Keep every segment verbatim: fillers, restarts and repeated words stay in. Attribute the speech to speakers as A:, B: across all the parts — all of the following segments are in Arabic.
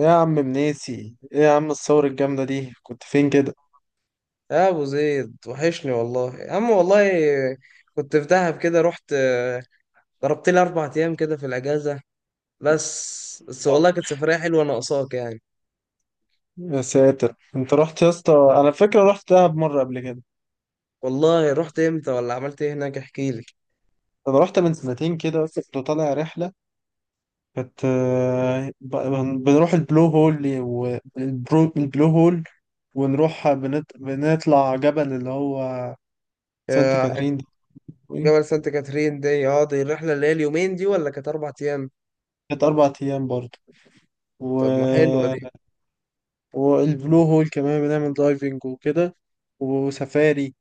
A: إيه يا عم مناسي، ايه يا عم الثورة الجامدة دي، كنت فين كده؟
B: يا ابو زيد، وحشني والله يا عم. والله كنت في دهب كده رحت، آه، ضربت لي اربع ايام كده في الاجازه. بس بس
A: آه.
B: والله كانت سفريه حلوه ناقصاك يعني.
A: يا ساتر، انت رحت يا اسطى. انا فاكر رحت دهب مرة قبل كده.
B: والله رحت امتى ولا عملت ايه هناك؟ احكي لي.
A: انا رحت من سنتين كده بس كنت طالع رحلة. كانت آه، ب- بن- بنروح البلو هول والبلو البلو هول، ونروح بنت... بنطلع جبل اللي هو سانت
B: آه،
A: كاترين ده. إيه؟
B: جبل سانت كاترين دي، اه دي الرحله اللي هي اليومين دي ولا كانت اربع ايام؟
A: كانت أربع أيام برضه و...
B: طب ما حلوه دي.
A: والبلو هول كمان بنعمل دايفنج وكده وسفاري،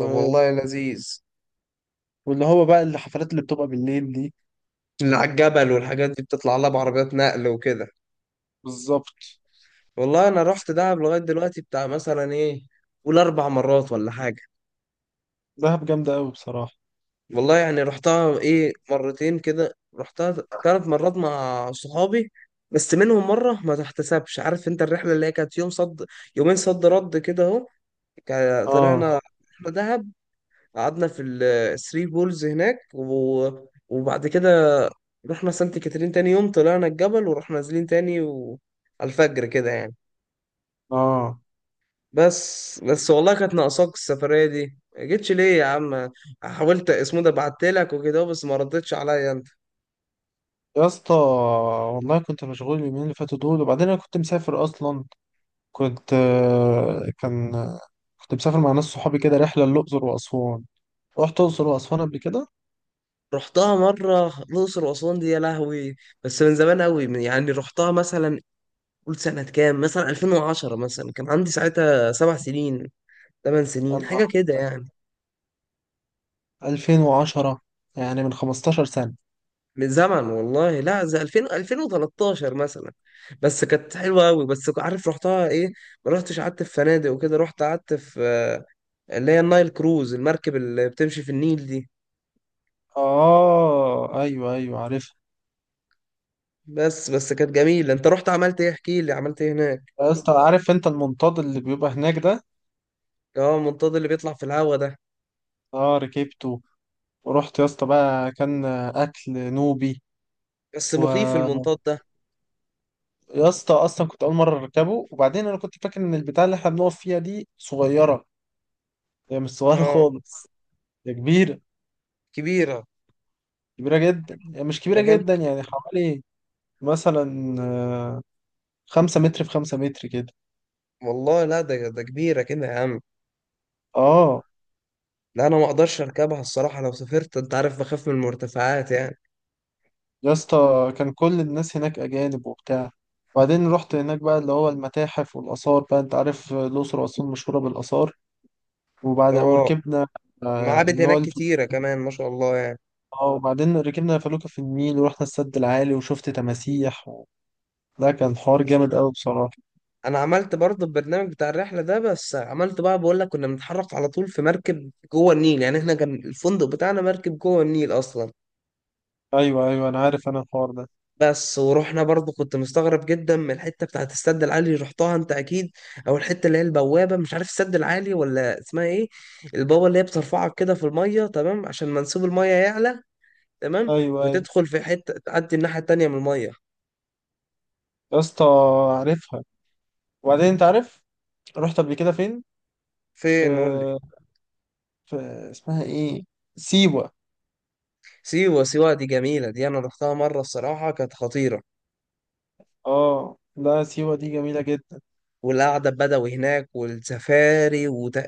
B: طب والله لذيذ.
A: واللي هو بقى الحفلات اللي بتبقى بالليل دي.
B: اللي على الجبل والحاجات دي بتطلع لها بعربيات نقل وكده.
A: بالظبط.
B: والله انا
A: بس
B: رحت
A: كانت
B: دهب لغايه دلوقتي بتاع مثلا ايه؟ قول اربع مرات ولا حاجه.
A: دهب جامدة أوي بصراحة.
B: والله يعني رحتها ايه، مرتين كده، رحتها ثلاث مرات مع صحابي. بس منهم مرة ما تحتسبش، عارف انت الرحلة اللي هي كانت يوم صد، يومين صد رد كده اهو. كا-
A: اه.
B: طلعنا رحلة دهب. قعدنا في الثري بولز هناك، و... وبعد كده رحنا سانت كاترين، تاني يوم طلعنا الجبل ورحنا نازلين تاني و... على الفجر كده يعني.
A: اه
B: بس بس والله كانت ناقصاك السفرية دي، ما جيتش ليه يا عم؟ حاولت اسمه ده بعتلك وكده بس ما ردتش عليا.
A: يا اسطى، والله كنت مشغول اليومين اللي فاتوا دول، وبعدين انا كنت مسافر اصلا. كنت آه، كان كنت مسافر مع ناس صحابي كده، رحله للاقصر واسوان. رحت الاقصر واسوان قبل كده.
B: رحتها مرة الأقصر وأسوان دي، يا لهوي. بس من زمان أوي، من- يعني رحتها مثلا، قول سنة كام، مثلا ألفين وعشرة، مثلا كان عندي ساعتها سبع سنين، ثمان
A: يا
B: سنين
A: نهار،
B: حاجة كده يعني.
A: ألفين وعشرة، يعني من خمستاشر سنة سنه.
B: من زمن والله، لا زي ألفين، ألفين وتلتاشر مثلا. بس كانت حلوة أوي، بس عارف رحتها إيه؟ ما رحتش قعدت في فنادق وكده، رحت قعدت في آه، اللي هي النايل كروز، المركب اللي بتمشي في النيل دي.
A: اه ايوه ايوه عارف.
B: بس بس كانت جميلة. أنت رحت عملت إيه؟ احكي لي عملت إيه هناك؟
A: يا اسطى، عارف انت المنطاد اللي بيبقى هناك ده؟
B: أه، المنطاد اللي بيطلع في الهوا ده.
A: اه ركبته. ورحت يا اسطى بقى، كان اكل نوبي.
B: بس مخيف
A: ويا
B: المنطاد ده.
A: اسطى، اصلا كنت اول مره اركبه، وبعدين انا كنت فاكر ان البتاع اللي احنا بنقف فيها دي صغيره. هي مش صغيره
B: اه،
A: خالص. هي كبيره.
B: كبيرة.
A: كبيره جدا، هي مش كبيره
B: مكان.
A: جدا يعني، حوالي مثلا آه، خمسة متر في خمسة متر كده.
B: والله، لا ده ده كبيرة كده يا عم.
A: اه.
B: لا، أنا ما أقدرش أركبها الصراحة، لو سافرت، أنت عارف بخاف من المرتفعات يعني.
A: يا اسطى كان كل الناس هناك اجانب وبتاع. وبعدين رحت هناك بقى اللي هو المتاحف والآثار، بقى أنت عارف الأقصر وأسوان مشهورة بالآثار. وبعد
B: اه،
A: وركبنا آه،
B: معابد
A: اللي هو
B: هناك كتيرة كمان ما شاء الله يعني.
A: اه، وبعدين ركبنا فلوكة في النيل ورحنا السد العالي وشفت تماسيح و... ده كان حوار جامد قوي بصراحة.
B: أنا عملت برضه البرنامج بتاع الرحلة ده، بس عملت بقى، بقول لك كنا بنتحرك على طول في مركب جوه النيل، يعني إحنا كان الفندق بتاعنا مركب جوه النيل أصلا.
A: ايوه ايوه انا عارف انا الحوار ده.
B: بس ورحنا برضو، كنت مستغرب جدا من الحته بتاعت السد العالي، رحتها انت اكيد. او الحته اللي هي البوابه، مش عارف السد العالي ولا اسمها ايه. البوابه اللي هي بترفعك كده في الميه، تمام، عشان منسوب الميه يعلى. تمام.
A: ايوه ايوه.
B: وتدخل في حته تعدي الناحيه التانيه من الميه.
A: يا اسطى، عارفها. وبعدين انت عارف، رحت قبل كده فين؟
B: فين؟ قول لي.
A: آه... في... اسمها ايه؟ سيوة.
B: سيوه، سيوه دي جميله، دي انا رحتها مره الصراحه كانت خطيره.
A: اه لا، سيوة دي جميلة جدا.
B: والقعده البدوي هناك والسفاري وت...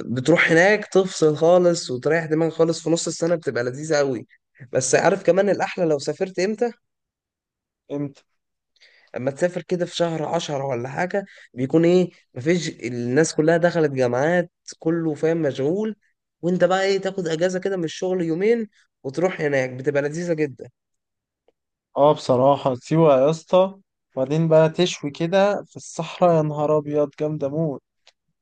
B: بتروح هناك تفصل خالص وتريح دماغك خالص، في نص السنه بتبقى لذيذه قوي. بس عارف كمان الاحلى لو سافرت امتى؟
A: امتى؟
B: اما تسافر كده في شهر عشرة ولا حاجة. بيكون ايه، مفيش، الناس كلها دخلت جامعات. كله فاهم مشغول. وانت بقى ايه، تاخد اجازة كده من الشغل يومين. وتروح هناك، بتبقى لذيذة جدا.
A: اه بصراحة سيوة يا اسطى، وبعدين بقى تشوي كده في الصحراء، يا نهار ابيض جامدة موت.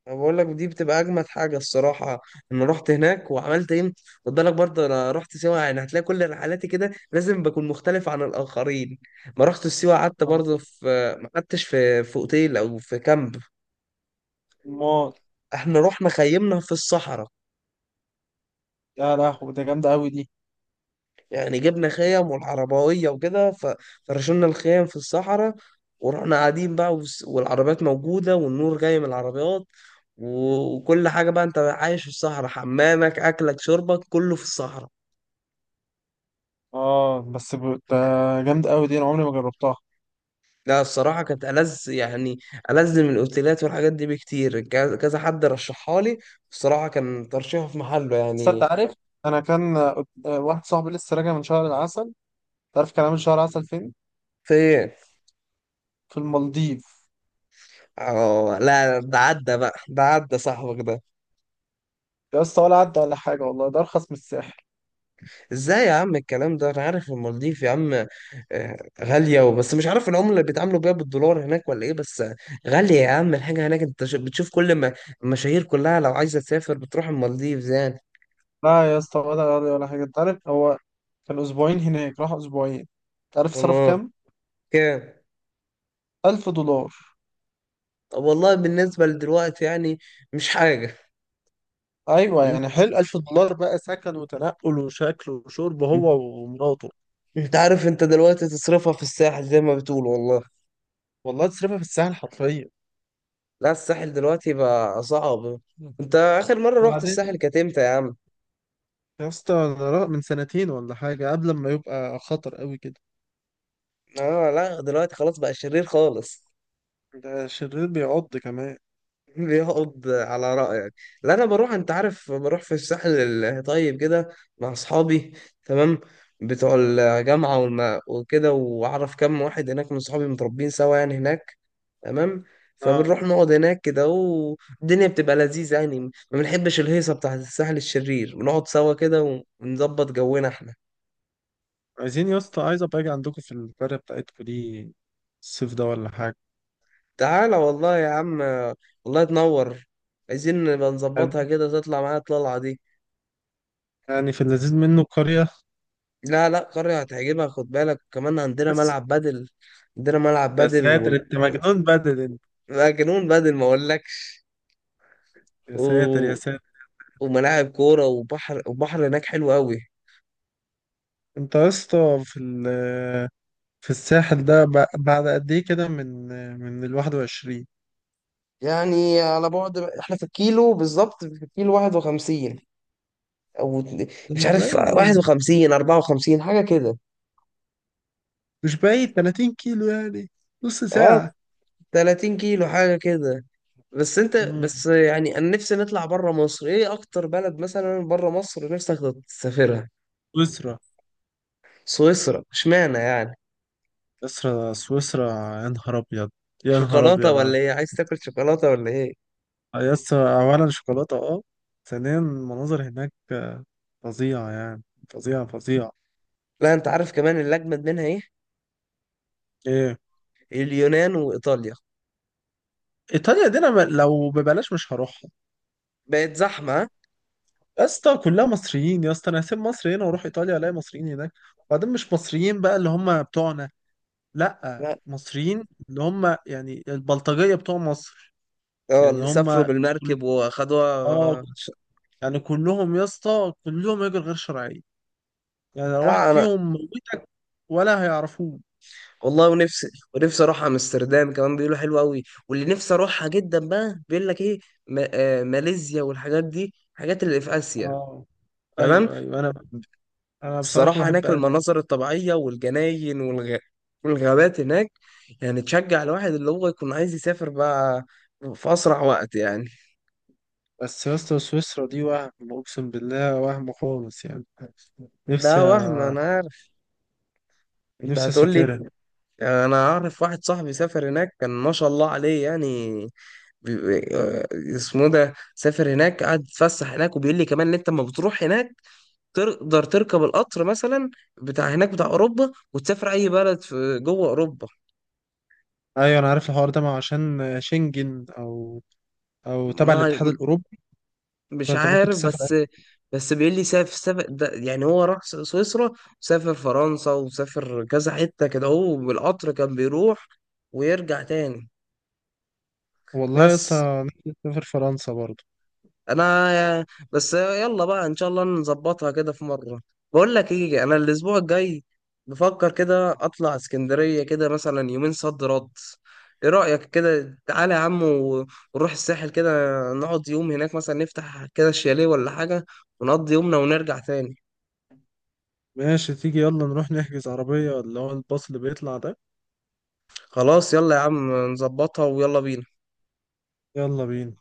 B: انا بقول لك دي بتبقى اجمد حاجة الصراحة ان رحت هناك وعملت ايه. خد بالك برضه، انا رحت سيوة يعني، هتلاقي كل رحلاتي كده لازم بكون مختلف عن الاخرين. ما رحت سيوة قعدت
A: اه
B: برضه في، ما قعدتش في في اوتيل او في كامب.
A: موت.
B: احنا رحنا خيمنا في الصحراء.
A: يا لهوي، ده جامدة قوي دي.
B: يعني جبنا خيم والعربوية وكده، ف- فرشنا الخيم في الصحراء. ورحنا قاعدين بقى، والس- والعربيات موجودة والنور جاي من العربيات. و- وكل حاجة بقى، انت عايش في الصحراء، حمامك أكلك شربك كله في الصحراء.
A: اه بس ب... ده جامد قوي دي، انا عمري ما جربتها.
B: لا، الصراحة كانت ألذ يعني. ألذ من الأوتيلات والحاجات دي بكتير، كذا كذا حد رشحها لي. بصراحة كان ترشيحه في محله
A: بس انت
B: يعني.
A: عارف، انا كان آه، واحد صاحبي لسه راجع من شهر العسل. تعرف كان عامل شهر عسل فين؟
B: في إيه؟
A: في المالديف.
B: اه لا، ده عدى بقى، ده عدى صاحبك ده.
A: يا اسطى، ولا عدى ولا حاجه، والله ده ارخص من الساحل.
B: ازاي يا عم الكلام ده؟ انا عارف المالديف يا عم. آه، غالية وبس، مش عارف العملة اللي بيتعاملوا بيها بالدولار هناك ولا ايه، بس آه، غالية يا عم الحاجة هناك، انت ش- بتشوف كل ما المشاهير كلها لو عايزة تسافر بتروح المالديف يعني.
A: لا يا اسطى، ولا غالي ولا حاجه. انت عارف هو كان اسبوعين هناك، راح اسبوعين، تعرف صرف
B: والله،
A: كام؟
B: كام؟
A: ألف دولار.
B: طب والله بالنسبة لدلوقتي يعني مش حاجة.
A: ايوه
B: م-
A: يعني حلو. ألف دولار بقى سكن وتنقل وشكل وشرب
B: م-
A: هو ومراته.
B: انت عارف، انت دلوقتي تصرفها في الساحل زي ما بتقول والله.
A: والله تصرفها في الساحل حرفيا.
B: لا، الساحل دلوقتي بقى صعب. انت اخر مرة رحت الساحل
A: وبعدين
B: كانت امتى يا عم؟
A: يا اسطى، أنا را- من سنتين ولا حاجة، قبل ما يبقى خطر قوي كده.
B: اه لا، دلوقتي خلاص بقى شرير خالص.
A: ده شرير بيعض كمان.
B: بيقعد على رأيك. لا، انا بروح، انت عارف، بروح في الساحل الطيب كده مع اصحابي. تمام. بتوع الجامعة والما وكده، واعرف كم واحد هناك من صحابي متربين سوا يعني هناك. تمام.
A: اه.
B: فبنروح نقعد هناك كده والدنيا بتبقى لذيذة يعني، ما بنحبش الهيصة بتاعة الساحل الشرير، بنقعد سوا كده ونظبط جونا احنا.
A: عايزين يا اسطى، عايز ابقى اجي عندكم في القرية بتاعتكم دي الصيف ده ولا حاجة.
B: تعالى والله يا عم. والله تنور. عايزين نبقى
A: يعني
B: نظبطها كده، تطلع معايا الطلعة دي.
A: يعني في اللذيذ منه قرية.
B: لا لا، قرية هتعجبها، خد بالك، وكمان عندنا
A: بس
B: ملعب بدل. عندنا ملعب
A: يا
B: بدل
A: ساتر،
B: و...
A: انت مجنون بدل انت.
B: لا، جنون بدل ما اقولكش.
A: يا ساتر يا
B: و...
A: ساتر.
B: وملاعب كورة وبحر، وبحر هناك حلو قوي.
A: انت يا اسطى في ال- في الساحل ده ب- بعد قد ايه كده، من من ال واحد وعشرين؟
B: يعني على بعد، احنا في الكيلو بالظبط، في الكيلو واحد وخمسين او اتن-
A: ده
B: مش
A: مش
B: عارف
A: بعيد يعني.
B: واحد وخمسين، أربعة وخمسين حاجة كده.
A: مش بعيد، 30 كيلو يعني، نص
B: اه،
A: ساعة.
B: ثلاثين كيلو حاجة كده. بس انت
A: امم
B: بس يعني، انا نفسي نطلع بره مصر، ايه اكتر بلد مثلا بره مصر نفسك تسافرها؟
A: أسرة.
B: سويسرا، اشمعنى يعني؟
A: سويسرا سويسرا. يا نهار ابيض، يا نهار
B: شوكولاته
A: ابيض على
B: ولا ايه؟
A: فكرة.
B: عايز تاكل شوكولاته ولا ايه؟
A: يا اسطى، اولا شوكولاته اه، ثانيا المناظر هناك فظيعه يعني. فظيعه فظيعه.
B: لا، انت عارف كمان اللي اجمد منها ايه؟
A: ايه.
B: اليونان وايطاليا.
A: ايطاليا دي انا م- لو ببلاش مش هروحها.
B: بقت زحمه، ها؟
A: يا اسطى كلها مصريين يا اسطى، انا هسيب مصر هنا واروح ايطاليا الاقي مصريين هناك. وبعدين مش مصريين بقى اللي هم بتوعنا. لا،
B: لا.
A: مصريين اللي هم يعني البلطجيه بتوع مصر.
B: اه،
A: يعني
B: اللي
A: هم
B: سافروا
A: كل-
B: بالمركب واخدوها
A: اه،
B: ش-
A: يعني كلهم يا اسطى كلهم هجر غير شرعي. يعني لو واحد
B: اه، انا.
A: فيهم موتك ولا هيعرفوه.
B: والله، ونفسي، ونفسي اروح امستردام كمان بيقولوا حلوه قوي. واللي نفسي اروحها جدا بقى، بيقول لك ايه، ما... آه ماليزيا والحاجات دي الحاجات اللي في اسيا.
A: اه
B: تمام.
A: ايوه ايوه انا انا بصراحه
B: الصراحة
A: بحب
B: هناك
A: ألف.
B: المناظر الطبيعية والجناين والغ... والغابات هناك. يعني تشجع الواحد اللي هو يكون عايز يسافر بقى في أسرع وقت يعني.
A: بس يا اسطى، سويسرا دي وهم، اقسم بالله وهم خالص يعني. نفسي
B: لا، وهم، أنا عارف أنت
A: نفسي
B: هتقول لي.
A: اسافرها.
B: أنا أعرف واحد صاحبي سافر هناك، كان ما شاء الله عليه يعني. بي... بي- آه، اسمه ده سافر هناك، قعد يتفسح هناك، وبيقول لي كمان إن أنت لما بتروح هناك تقدر تركب القطر مثلا بتاع هناك بتاع أوروبا، وتسافر أي بلد في جوه أوروبا.
A: ايوه انا عارف الحوار ده، ما هو عشان شنجن او او تبع
B: ما،
A: الاتحاد الاوروبي.
B: مش
A: فانت ممكن
B: عارف،
A: تسافر
B: بس
A: أي-.
B: بس بيقول لي سافر سافر ده يعني، هو راح س- سويسرا وسافر فرنسا وسافر كذا حتة كده، هو بالقطر كان بيروح ويرجع تاني.
A: والله يا
B: بس
A: اسطى نفسي اسافر فرنسا برضه.
B: انا، بس يلا بقى ان شاء الله نظبطها كده في مرة. بقول لك ايه، انا الاسبوع الجاي بفكر كده اطلع اسكندرية كده، مثلا يومين صد رد. ايه رأيك كده؟ تعالى يا عم، و- ونروح الساحل كده، نقعد يوم هناك مثلا، نفتح كده الشاليه ولا حاجة، ونقضي يومنا ونرجع تاني.
A: ماشي، تيجي يلا نروح نحجز عربيه اللي هو الباص اللي بيطلع ده.
B: خلاص يلا يا عم نظبطها ويلا بينا.
A: يلا بينا.